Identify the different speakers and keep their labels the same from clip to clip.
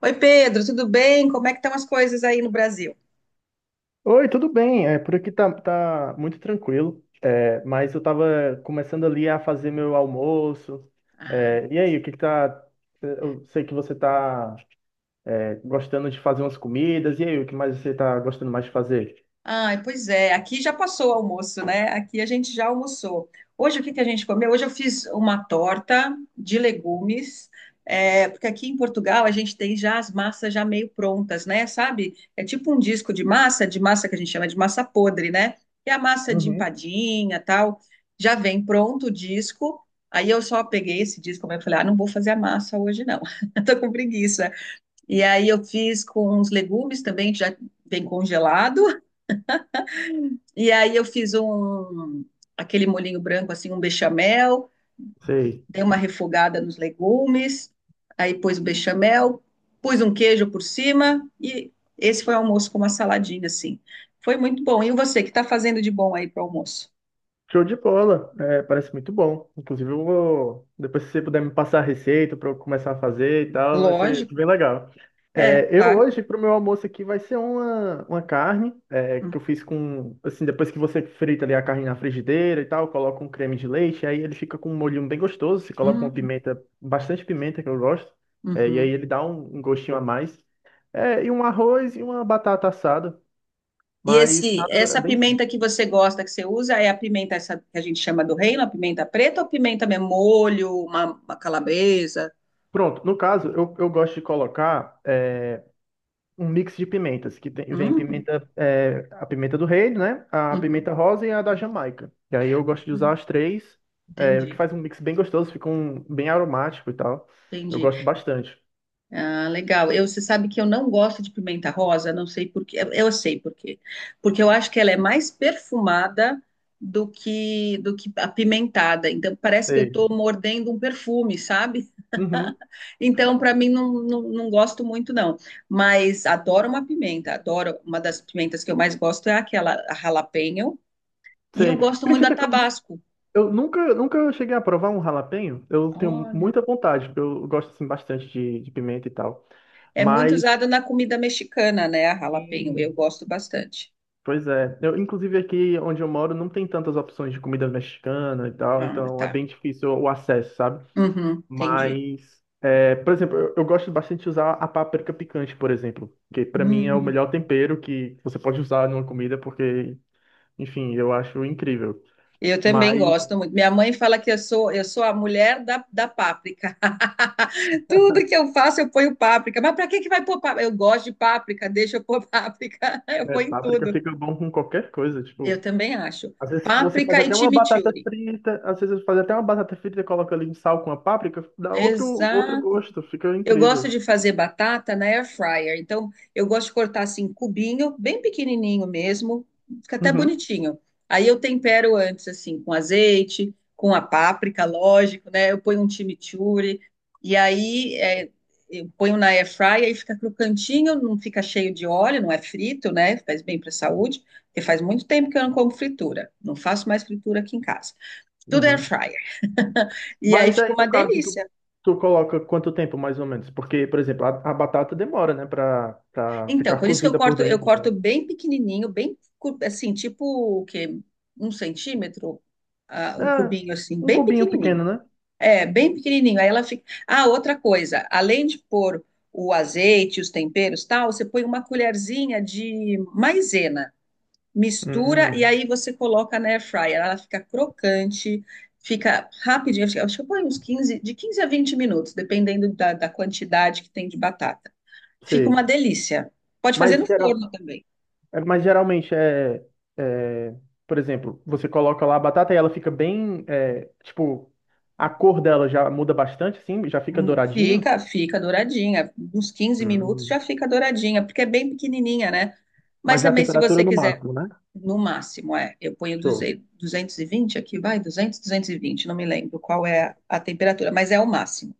Speaker 1: Oi, Pedro, tudo bem? Como é que estão as coisas aí no Brasil?
Speaker 2: Oi, tudo bem? Por aqui tá muito tranquilo, mas eu tava começando ali a fazer meu almoço.
Speaker 1: Ai,
Speaker 2: E aí, o que que tá. Eu sei que você tá gostando de fazer umas comidas, e aí, o que mais você tá gostando mais de fazer?
Speaker 1: ai, pois é, aqui já passou o almoço, né? Aqui a gente já almoçou. Hoje o que que a gente comeu? Hoje eu fiz uma torta de legumes, porque aqui em Portugal a gente tem já as massas já meio prontas, né? Sabe? É tipo um disco de massa que a gente chama de massa podre, né? Que é a massa de
Speaker 2: Uhum.
Speaker 1: empadinha, tal. Já vem pronto o disco. Aí eu só peguei esse disco, e falei, ah, não vou fazer a massa hoje não. Eu tô com preguiça. E aí eu fiz com uns legumes também, que já vem congelado. E aí eu fiz aquele molhinho branco, assim, um bechamel,
Speaker 2: Sei.
Speaker 1: dei uma refogada nos legumes, aí pus o bechamel, pus um queijo por cima e esse foi o almoço com uma saladinha, assim. Foi muito bom. E você, o que está fazendo de bom aí para o almoço?
Speaker 2: Show de bola, parece muito bom. Inclusive, eu vou, depois se você puder me passar a receita para eu começar a fazer e tal, vai ser
Speaker 1: Lógico.
Speaker 2: bem legal.
Speaker 1: É,
Speaker 2: Eu
Speaker 1: claro.
Speaker 2: hoje, para o meu almoço aqui, vai ser uma carne que
Speaker 1: Hum,
Speaker 2: eu fiz com, assim, depois que você frita ali a carne na frigideira e tal, coloca um creme de leite, aí ele fica com um molhinho bem gostoso, você coloca uma
Speaker 1: hum,
Speaker 2: pimenta, bastante pimenta que eu gosto, e aí
Speaker 1: uhum.
Speaker 2: ele dá um gostinho a mais. É, e um arroz e uma batata assada,
Speaker 1: E
Speaker 2: mas nada é
Speaker 1: essa
Speaker 2: bem...
Speaker 1: pimenta que você gosta, que você usa, é a pimenta essa que a gente chama do reino, a pimenta preta ou pimenta mesmo, molho, uma calabresa?
Speaker 2: Pronto, no caso, eu gosto de colocar um mix de pimentas, que vem
Speaker 1: Hum,
Speaker 2: pimenta, a pimenta do reino, né? A
Speaker 1: uhum,
Speaker 2: pimenta rosa e a da Jamaica. E aí eu gosto de usar as três, o que
Speaker 1: entendi,
Speaker 2: faz um mix bem gostoso, fica um, bem aromático e tal. Eu
Speaker 1: entendi.
Speaker 2: gosto bastante.
Speaker 1: Ah, legal. Eu, você sabe que eu não gosto de pimenta rosa, não sei por quê. Eu sei por quê. Porque eu acho que ela é mais perfumada do que apimentada. Então parece que eu
Speaker 2: Sei.
Speaker 1: estou mordendo um perfume, sabe?
Speaker 2: Uhum,
Speaker 1: Então, para mim, não, não, não gosto muito, não. Mas adoro uma pimenta, adoro. Uma das pimentas que eu mais gosto é aquela a jalapeño. E eu
Speaker 2: sei.
Speaker 1: gosto muito da
Speaker 2: Acredita que
Speaker 1: Tabasco.
Speaker 2: eu nunca cheguei a provar um jalapeño? Eu tenho
Speaker 1: Olha,
Speaker 2: muita vontade, porque eu gosto assim, bastante de pimenta e tal.
Speaker 1: é muito
Speaker 2: Mas,
Speaker 1: usada na comida mexicana, né? A jalapeño. Eu
Speaker 2: sim,
Speaker 1: gosto bastante.
Speaker 2: pois é. Eu, inclusive aqui onde eu moro não tem tantas opções de comida mexicana e tal,
Speaker 1: Ah,
Speaker 2: então é
Speaker 1: tá.
Speaker 2: bem difícil o acesso, sabe?
Speaker 1: Uhum, entendi.
Speaker 2: Mas, é, por exemplo, eu gosto bastante de usar a páprica picante, por exemplo, que pra mim é o
Speaker 1: Hum,
Speaker 2: melhor tempero que você pode usar numa comida, porque, enfim, eu acho incrível.
Speaker 1: Eu também
Speaker 2: Mas,
Speaker 1: gosto muito. Minha mãe fala que eu sou a mulher da páprica. Tudo que eu faço, eu ponho páprica. Mas para que que vai pôr páprica? Eu gosto de páprica, deixa eu pôr páprica. Eu
Speaker 2: né,
Speaker 1: ponho em
Speaker 2: páprica
Speaker 1: tudo.
Speaker 2: fica bom com qualquer coisa,
Speaker 1: Eu
Speaker 2: tipo,
Speaker 1: também acho.
Speaker 2: às vezes você faz
Speaker 1: Páprica e
Speaker 2: até uma batata
Speaker 1: chimichurri.
Speaker 2: frita, às vezes você faz até uma batata frita e coloca ali um sal com a páprica, dá outro, outro
Speaker 1: Exato.
Speaker 2: gosto, fica
Speaker 1: Eu gosto
Speaker 2: incrível.
Speaker 1: de fazer batata na air fryer. Então, eu gosto de cortar assim, cubinho, bem pequenininho mesmo. Fica até
Speaker 2: Uhum,
Speaker 1: bonitinho. Aí eu tempero antes, assim, com azeite, com a páprica, lógico, né? Eu ponho um chimichurri. E aí, eu ponho na air fryer e fica crocantinho, não fica cheio de óleo, não é frito, né? Faz bem para a saúde. Porque faz muito tempo que eu não como fritura. Não faço mais fritura aqui em casa. Tudo air
Speaker 2: uhum.
Speaker 1: fryer. E aí
Speaker 2: Mas
Speaker 1: fica
Speaker 2: aí,
Speaker 1: uma
Speaker 2: no caso,
Speaker 1: delícia.
Speaker 2: tu coloca quanto tempo, mais ou menos? Porque, por exemplo, a batata demora, né, pra
Speaker 1: Então,
Speaker 2: ficar
Speaker 1: por isso que
Speaker 2: cozida por
Speaker 1: eu
Speaker 2: dentro.
Speaker 1: corto
Speaker 2: Então.
Speaker 1: bem pequenininho, bem cu- assim, tipo o quê? 1 centímetro, ah, um
Speaker 2: Ah,
Speaker 1: cubinho assim,
Speaker 2: um
Speaker 1: bem
Speaker 2: cubinho
Speaker 1: pequenininho.
Speaker 2: pequeno, né?
Speaker 1: É, bem pequenininho. Aí ela fica. Ah, outra coisa, além de pôr o azeite, os temperos, e tal, você põe uma colherzinha de maisena, mistura e
Speaker 2: Hum,
Speaker 1: aí você coloca na air fryer. Ela fica crocante, fica rapidinho. Acho que eu ponho uns 15, de 15 a 20 minutos, dependendo da quantidade que tem de batata. Fica uma
Speaker 2: sei.
Speaker 1: delícia. Pode fazer
Speaker 2: Mas,
Speaker 1: no
Speaker 2: geral-
Speaker 1: forno também.
Speaker 2: é, mas geralmente é, por exemplo, você coloca lá a batata e ela fica bem, é, tipo, a cor dela já muda bastante, assim, já fica douradinho.
Speaker 1: Fica, fica douradinha. Uns 15 minutos
Speaker 2: Hum.
Speaker 1: já fica douradinha, porque é bem pequenininha, né? Mas
Speaker 2: Mas na
Speaker 1: também, se
Speaker 2: temperatura
Speaker 1: você
Speaker 2: no
Speaker 1: quiser,
Speaker 2: máximo, né?
Speaker 1: no máximo, é. Eu ponho
Speaker 2: Show.
Speaker 1: 220 aqui, vai, 220, não me lembro qual é a temperatura, mas é o máximo.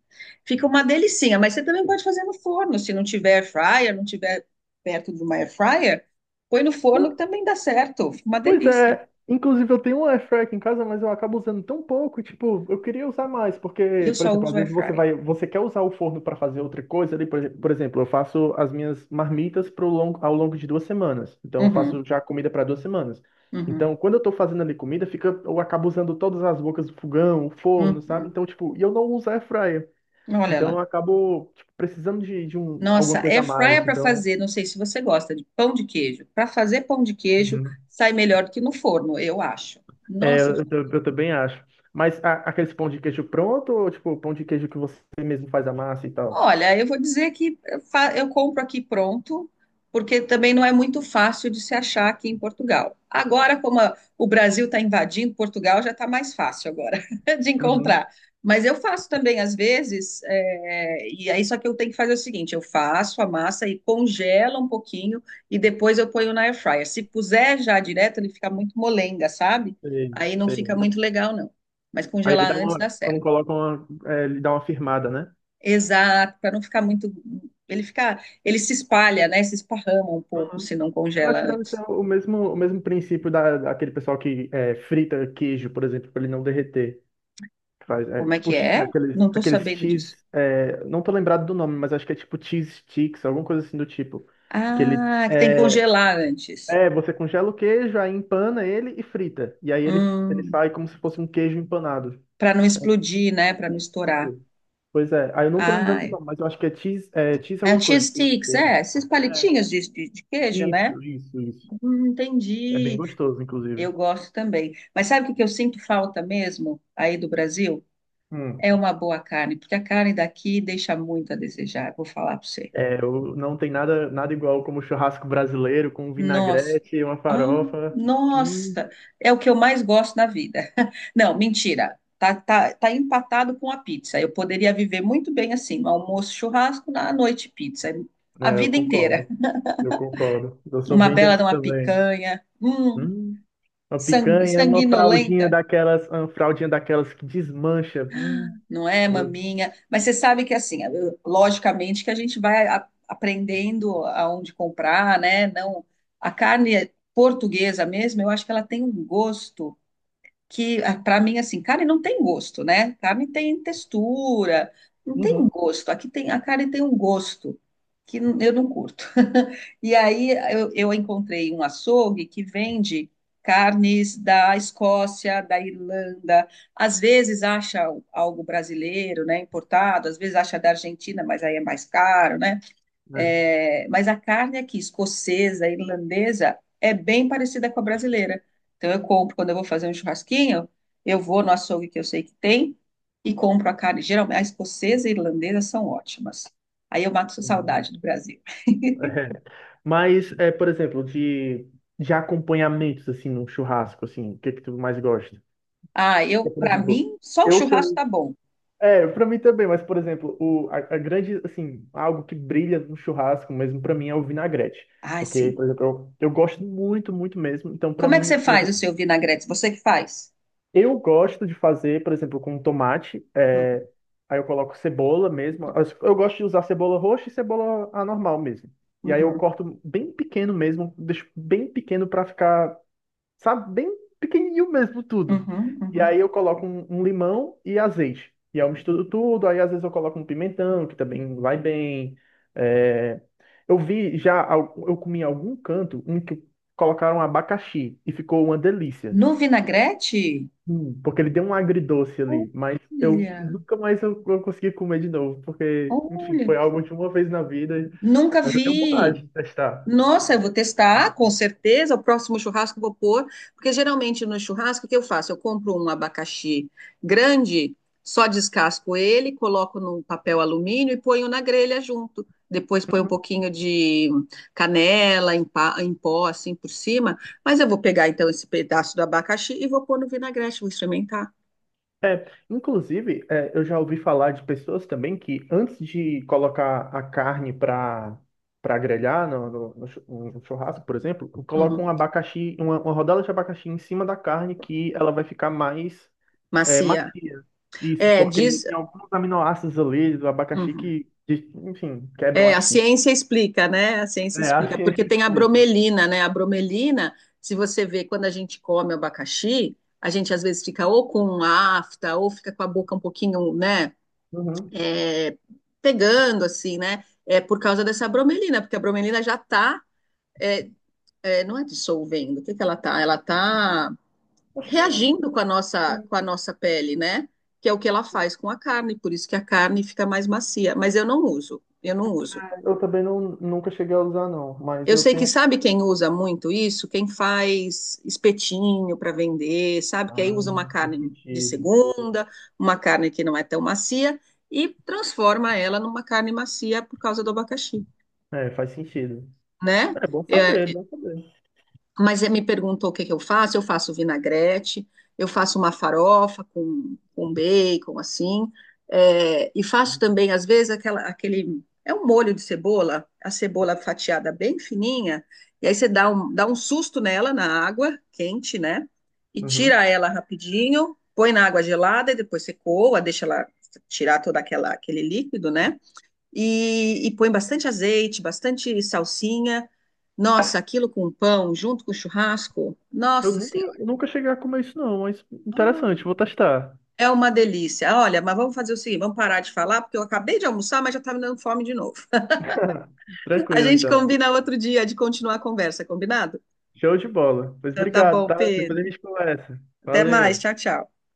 Speaker 1: Fica uma delicinha, mas você também pode fazer no forno, se não tiver air fryer, não tiver perto de uma air fryer, põe no forno que também dá certo. Fica uma
Speaker 2: Pois
Speaker 1: delícia.
Speaker 2: é, inclusive eu tenho um air fryer aqui em casa, mas eu acabo usando tão pouco, tipo, eu queria usar mais, porque,
Speaker 1: Eu
Speaker 2: por
Speaker 1: só
Speaker 2: exemplo, às
Speaker 1: uso air
Speaker 2: vezes você
Speaker 1: fryer.
Speaker 2: vai, você quer usar o forno para fazer outra coisa ali, por exemplo, eu faço as minhas marmitas ao longo de 2 semanas, então eu
Speaker 1: Uhum,
Speaker 2: faço já comida para 2 semanas.
Speaker 1: uhum,
Speaker 2: Então, quando eu tô fazendo ali comida, fica, eu acabo usando todas as bocas do fogão, o forno, sabe?
Speaker 1: uhum.
Speaker 2: Então, tipo, e eu não uso air fryer,
Speaker 1: Olha
Speaker 2: então
Speaker 1: lá.
Speaker 2: eu acabo, tipo, precisando de alguma
Speaker 1: Nossa,
Speaker 2: coisa
Speaker 1: air
Speaker 2: a
Speaker 1: fryer
Speaker 2: mais,
Speaker 1: para
Speaker 2: então...
Speaker 1: fazer, não sei se você gosta de pão de queijo. Para fazer pão de queijo,
Speaker 2: Uhum.
Speaker 1: sai melhor do que no forno, eu acho. Nossa,
Speaker 2: Eu também acho. Mas aqueles pão de queijo pronto ou tipo pão de queijo que você mesmo faz a massa e tal?
Speaker 1: olha, eu vou dizer que eu fa- eu compro aqui pronto, porque também não é muito fácil de se achar aqui em Portugal. Agora, como a- o Brasil está invadindo Portugal, já está mais fácil agora de
Speaker 2: Uhum,
Speaker 1: encontrar. Mas eu faço também às vezes, e aí só que eu tenho que fazer o seguinte: eu faço a massa e congela um pouquinho e depois eu ponho na air fryer. Se puser já direto, ele fica muito molenga, sabe?
Speaker 2: sei,
Speaker 1: Aí não fica
Speaker 2: sei.
Speaker 1: muito legal, não. Mas
Speaker 2: Aí ele
Speaker 1: congelar
Speaker 2: dá
Speaker 1: antes
Speaker 2: uma,
Speaker 1: dá
Speaker 2: quando
Speaker 1: certo.
Speaker 2: coloca uma, é, ele dá uma firmada, né?
Speaker 1: Exato, para não ficar muito. Ele fica, ele se espalha, né? Se esparrama um pouco
Speaker 2: Uhum.
Speaker 1: se não
Speaker 2: Eu
Speaker 1: congela
Speaker 2: acho que deve ser
Speaker 1: antes.
Speaker 2: o mesmo princípio da, daquele pessoal que é, frita queijo, por exemplo, para ele não derreter. Que Faz, é,
Speaker 1: Como é
Speaker 2: tipo
Speaker 1: que
Speaker 2: é,
Speaker 1: é?
Speaker 2: aqueles,
Speaker 1: Não estou
Speaker 2: aqueles
Speaker 1: sabendo
Speaker 2: cheese,
Speaker 1: disso.
Speaker 2: é, não tô lembrado do nome, mas acho que é tipo cheese sticks, alguma coisa assim do tipo. Que ele,
Speaker 1: Ah, que tem que
Speaker 2: é,
Speaker 1: congelar antes.
Speaker 2: É, você congela o queijo, aí empana ele e frita. E aí ele
Speaker 1: Hum,
Speaker 2: sai como se fosse um queijo empanado.
Speaker 1: para não explodir, né? Para não estourar.
Speaker 2: Isso. Pois é. Aí eu não tô
Speaker 1: Ah,
Speaker 2: lembrando do
Speaker 1: é.
Speaker 2: nome, mas eu acho que é cheese
Speaker 1: Ah,
Speaker 2: alguma
Speaker 1: cheese
Speaker 2: coisa. Cheese
Speaker 1: sticks,
Speaker 2: bacon.
Speaker 1: é, esses
Speaker 2: É.
Speaker 1: palitinhos de queijo, né?
Speaker 2: Isso, isso, isso. É bem
Speaker 1: Entendi.
Speaker 2: gostoso,
Speaker 1: Eu
Speaker 2: inclusive.
Speaker 1: gosto também. Mas sabe o que que eu sinto falta mesmo aí do Brasil?
Speaker 2: Hum.
Speaker 1: É uma boa carne, porque a carne daqui deixa muito a desejar, vou falar para você.
Speaker 2: É, eu, não tem nada, nada igual como churrasco brasileiro com
Speaker 1: Nossa.
Speaker 2: vinagrete e uma
Speaker 1: Ah,
Speaker 2: farofa. Hum.
Speaker 1: nossa. É o que eu mais gosto na vida. Não, mentira. Tá, tá, tá empatado com a pizza. Eu poderia viver muito bem assim, no almoço, churrasco, na noite, pizza. A
Speaker 2: É, eu
Speaker 1: vida inteira.
Speaker 2: concordo. Eu concordo. Eu sou
Speaker 1: Uma
Speaker 2: bem
Speaker 1: bela de
Speaker 2: desse
Speaker 1: uma
Speaker 2: também.
Speaker 1: picanha.
Speaker 2: Hum. Uma
Speaker 1: Sang-
Speaker 2: picanha,
Speaker 1: sanguinolenta,
Speaker 2: uma fraldinha daquelas que desmancha.
Speaker 1: não é,
Speaker 2: Pô,
Speaker 1: maminha? Mas você sabe que assim, eu- logicamente que a gente vai a- aprendendo aonde comprar, né? Não, a carne portuguesa mesmo, eu acho que ela tem um gosto. Que para mim assim, carne não tem gosto, né? Carne tem textura, não tem
Speaker 2: Uhum.
Speaker 1: gosto. Aqui tem a carne tem um gosto que n- eu não curto. E aí eu encontrei um açougue que vende carnes da Escócia, da Irlanda, às vezes acha algo brasileiro, né, importado, às vezes acha da Argentina, mas aí é mais caro, né?
Speaker 2: né?
Speaker 1: É, mas a carne aqui, escocesa, irlandesa, é bem parecida com a brasileira. Então, eu compro, quando eu vou fazer um churrasquinho, eu vou no açougue que eu sei que tem e compro a carne. Geralmente, a escocesa e a irlandesa são ótimas. Aí eu mato saudade
Speaker 2: Hum,
Speaker 1: do Brasil.
Speaker 2: é. Mas, é, por exemplo, de acompanhamentos, assim, num churrasco, assim, o que que tu mais gosta?
Speaker 1: Ah, eu,
Speaker 2: Porque, por
Speaker 1: para
Speaker 2: exemplo,
Speaker 1: mim, só o
Speaker 2: eu
Speaker 1: churrasco
Speaker 2: sou...
Speaker 1: tá
Speaker 2: um-
Speaker 1: bom.
Speaker 2: é, pra mim também, mas, por exemplo, a grande, assim, algo que brilha no churrasco mesmo, pra mim, é o vinagrete.
Speaker 1: Ah,
Speaker 2: Porque,
Speaker 1: sim.
Speaker 2: por exemplo, eu gosto muito, muito mesmo. Então, pra
Speaker 1: Como é que
Speaker 2: mim,
Speaker 1: você
Speaker 2: por
Speaker 1: faz o
Speaker 2: exemplo,
Speaker 1: seu vinagrete? Você que faz?
Speaker 2: eu gosto de fazer, por exemplo, com tomate.
Speaker 1: Uhum,
Speaker 2: Aí eu coloco cebola mesmo. Eu gosto de usar cebola roxa e cebola a normal mesmo. E aí eu
Speaker 1: uhum,
Speaker 2: corto bem pequeno mesmo, deixo bem pequeno pra ficar, sabe, bem pequenininho mesmo tudo.
Speaker 1: uhum,
Speaker 2: E
Speaker 1: uhum.
Speaker 2: aí eu coloco um limão e azeite. E aí eu misturo tudo. Aí às vezes eu coloco um pimentão, que também vai bem. é, Eu vi já, eu comi em algum canto um que colocaram abacaxi e ficou uma delícia.
Speaker 1: No vinagrete?
Speaker 2: Porque ele deu um agridoce ali, mas eu
Speaker 1: Olha,
Speaker 2: nunca mais eu consegui comer de novo, porque, enfim, foi
Speaker 1: olha.
Speaker 2: algo de uma vez na vida,
Speaker 1: Nunca
Speaker 2: mas eu tenho
Speaker 1: vi.
Speaker 2: vontade de testar.
Speaker 1: Nossa, eu vou testar, com certeza. O próximo churrasco eu vou pôr, porque geralmente no churrasco o que eu faço? Eu compro um abacaxi grande, só descasco ele, coloco num papel alumínio e ponho na grelha junto. Depois ponho um
Speaker 2: Uhum.
Speaker 1: pouquinho de canela em, pa- em pó, assim por cima. Mas eu vou pegar então esse pedaço do abacaxi e vou pôr no vinagrete, vou experimentar.
Speaker 2: É, inclusive, é, eu já ouvi falar de pessoas também que antes de colocar a carne para para grelhar no, no churrasco, por exemplo, colocam um
Speaker 1: Uhum.
Speaker 2: abacaxi, uma rodela de abacaxi em cima da carne que ela vai ficar mais É,
Speaker 1: Macia.
Speaker 2: macia. Isso,
Speaker 1: É,
Speaker 2: porque
Speaker 1: diz.
Speaker 2: tem alguns aminoácidos ali do abacaxi
Speaker 1: Uhum.
Speaker 2: que, de- enfim, quebram
Speaker 1: É, a
Speaker 2: as fibras.
Speaker 1: ciência explica, né? A ciência
Speaker 2: É,
Speaker 1: explica,
Speaker 2: assim
Speaker 1: porque
Speaker 2: ele
Speaker 1: tem a
Speaker 2: explica.
Speaker 1: bromelina, né? A bromelina, se você vê quando a gente come abacaxi, a gente às vezes fica ou com afta, ou fica com a boca um pouquinho, né?
Speaker 2: Uhum.
Speaker 1: é, Pegando, assim, né? É por causa dessa bromelina, porque a bromelina já tá, é, não é dissolvendo, o que que ela tá? Ela tá
Speaker 2: Acho que é,
Speaker 1: reagindo
Speaker 2: sim.
Speaker 1: com a nossa pele, né? Que é o que ela faz com a carne, por isso que a carne fica mais macia, mas eu não uso, eu não uso.
Speaker 2: Eu também não, nunca cheguei a usar, não, mas
Speaker 1: Eu
Speaker 2: eu
Speaker 1: sei que
Speaker 2: tenho.
Speaker 1: sabe quem usa muito isso? Quem faz espetinho para vender, sabe? Que aí
Speaker 2: Ah,
Speaker 1: usa uma
Speaker 2: faz
Speaker 1: carne de
Speaker 2: sentido.
Speaker 1: segunda, uma carne que não é tão macia e transforma ela numa carne macia por causa do abacaxi,
Speaker 2: É, faz sentido.
Speaker 1: né?
Speaker 2: É bom
Speaker 1: É,
Speaker 2: saber, bom saber.
Speaker 1: mas ele me perguntou o que que eu faço. Eu faço vinagrete, eu faço uma farofa com bacon, assim. É, e faço também, às vezes, aquela, aquele. É um molho de cebola, a cebola fatiada bem fininha. E aí você dá um susto nela na água quente, né? E
Speaker 2: Uhum.
Speaker 1: tira ela rapidinho, põe na água gelada e depois você coa, deixa ela tirar todo aquela, aquele líquido, né? E, e põe bastante azeite, bastante salsinha. Nossa, aquilo com pão, junto com churrasco, nossa senhora,
Speaker 2: Eu nunca cheguei a comer isso, não, mas
Speaker 1: ah,
Speaker 2: interessante, vou testar.
Speaker 1: é uma delícia. Olha, mas vamos fazer o seguinte, vamos parar de falar, porque eu acabei de almoçar, mas já tá me dando fome de novo. A
Speaker 2: Tranquilo,
Speaker 1: gente
Speaker 2: então.
Speaker 1: combina outro dia de continuar a conversa, combinado?
Speaker 2: Show de bola. Pois
Speaker 1: Então, tá
Speaker 2: obrigado,
Speaker 1: bom,
Speaker 2: tá? Depois a
Speaker 1: Pedro.
Speaker 2: gente conversa.
Speaker 1: Até mais,
Speaker 2: Valeu.
Speaker 1: tchau, tchau.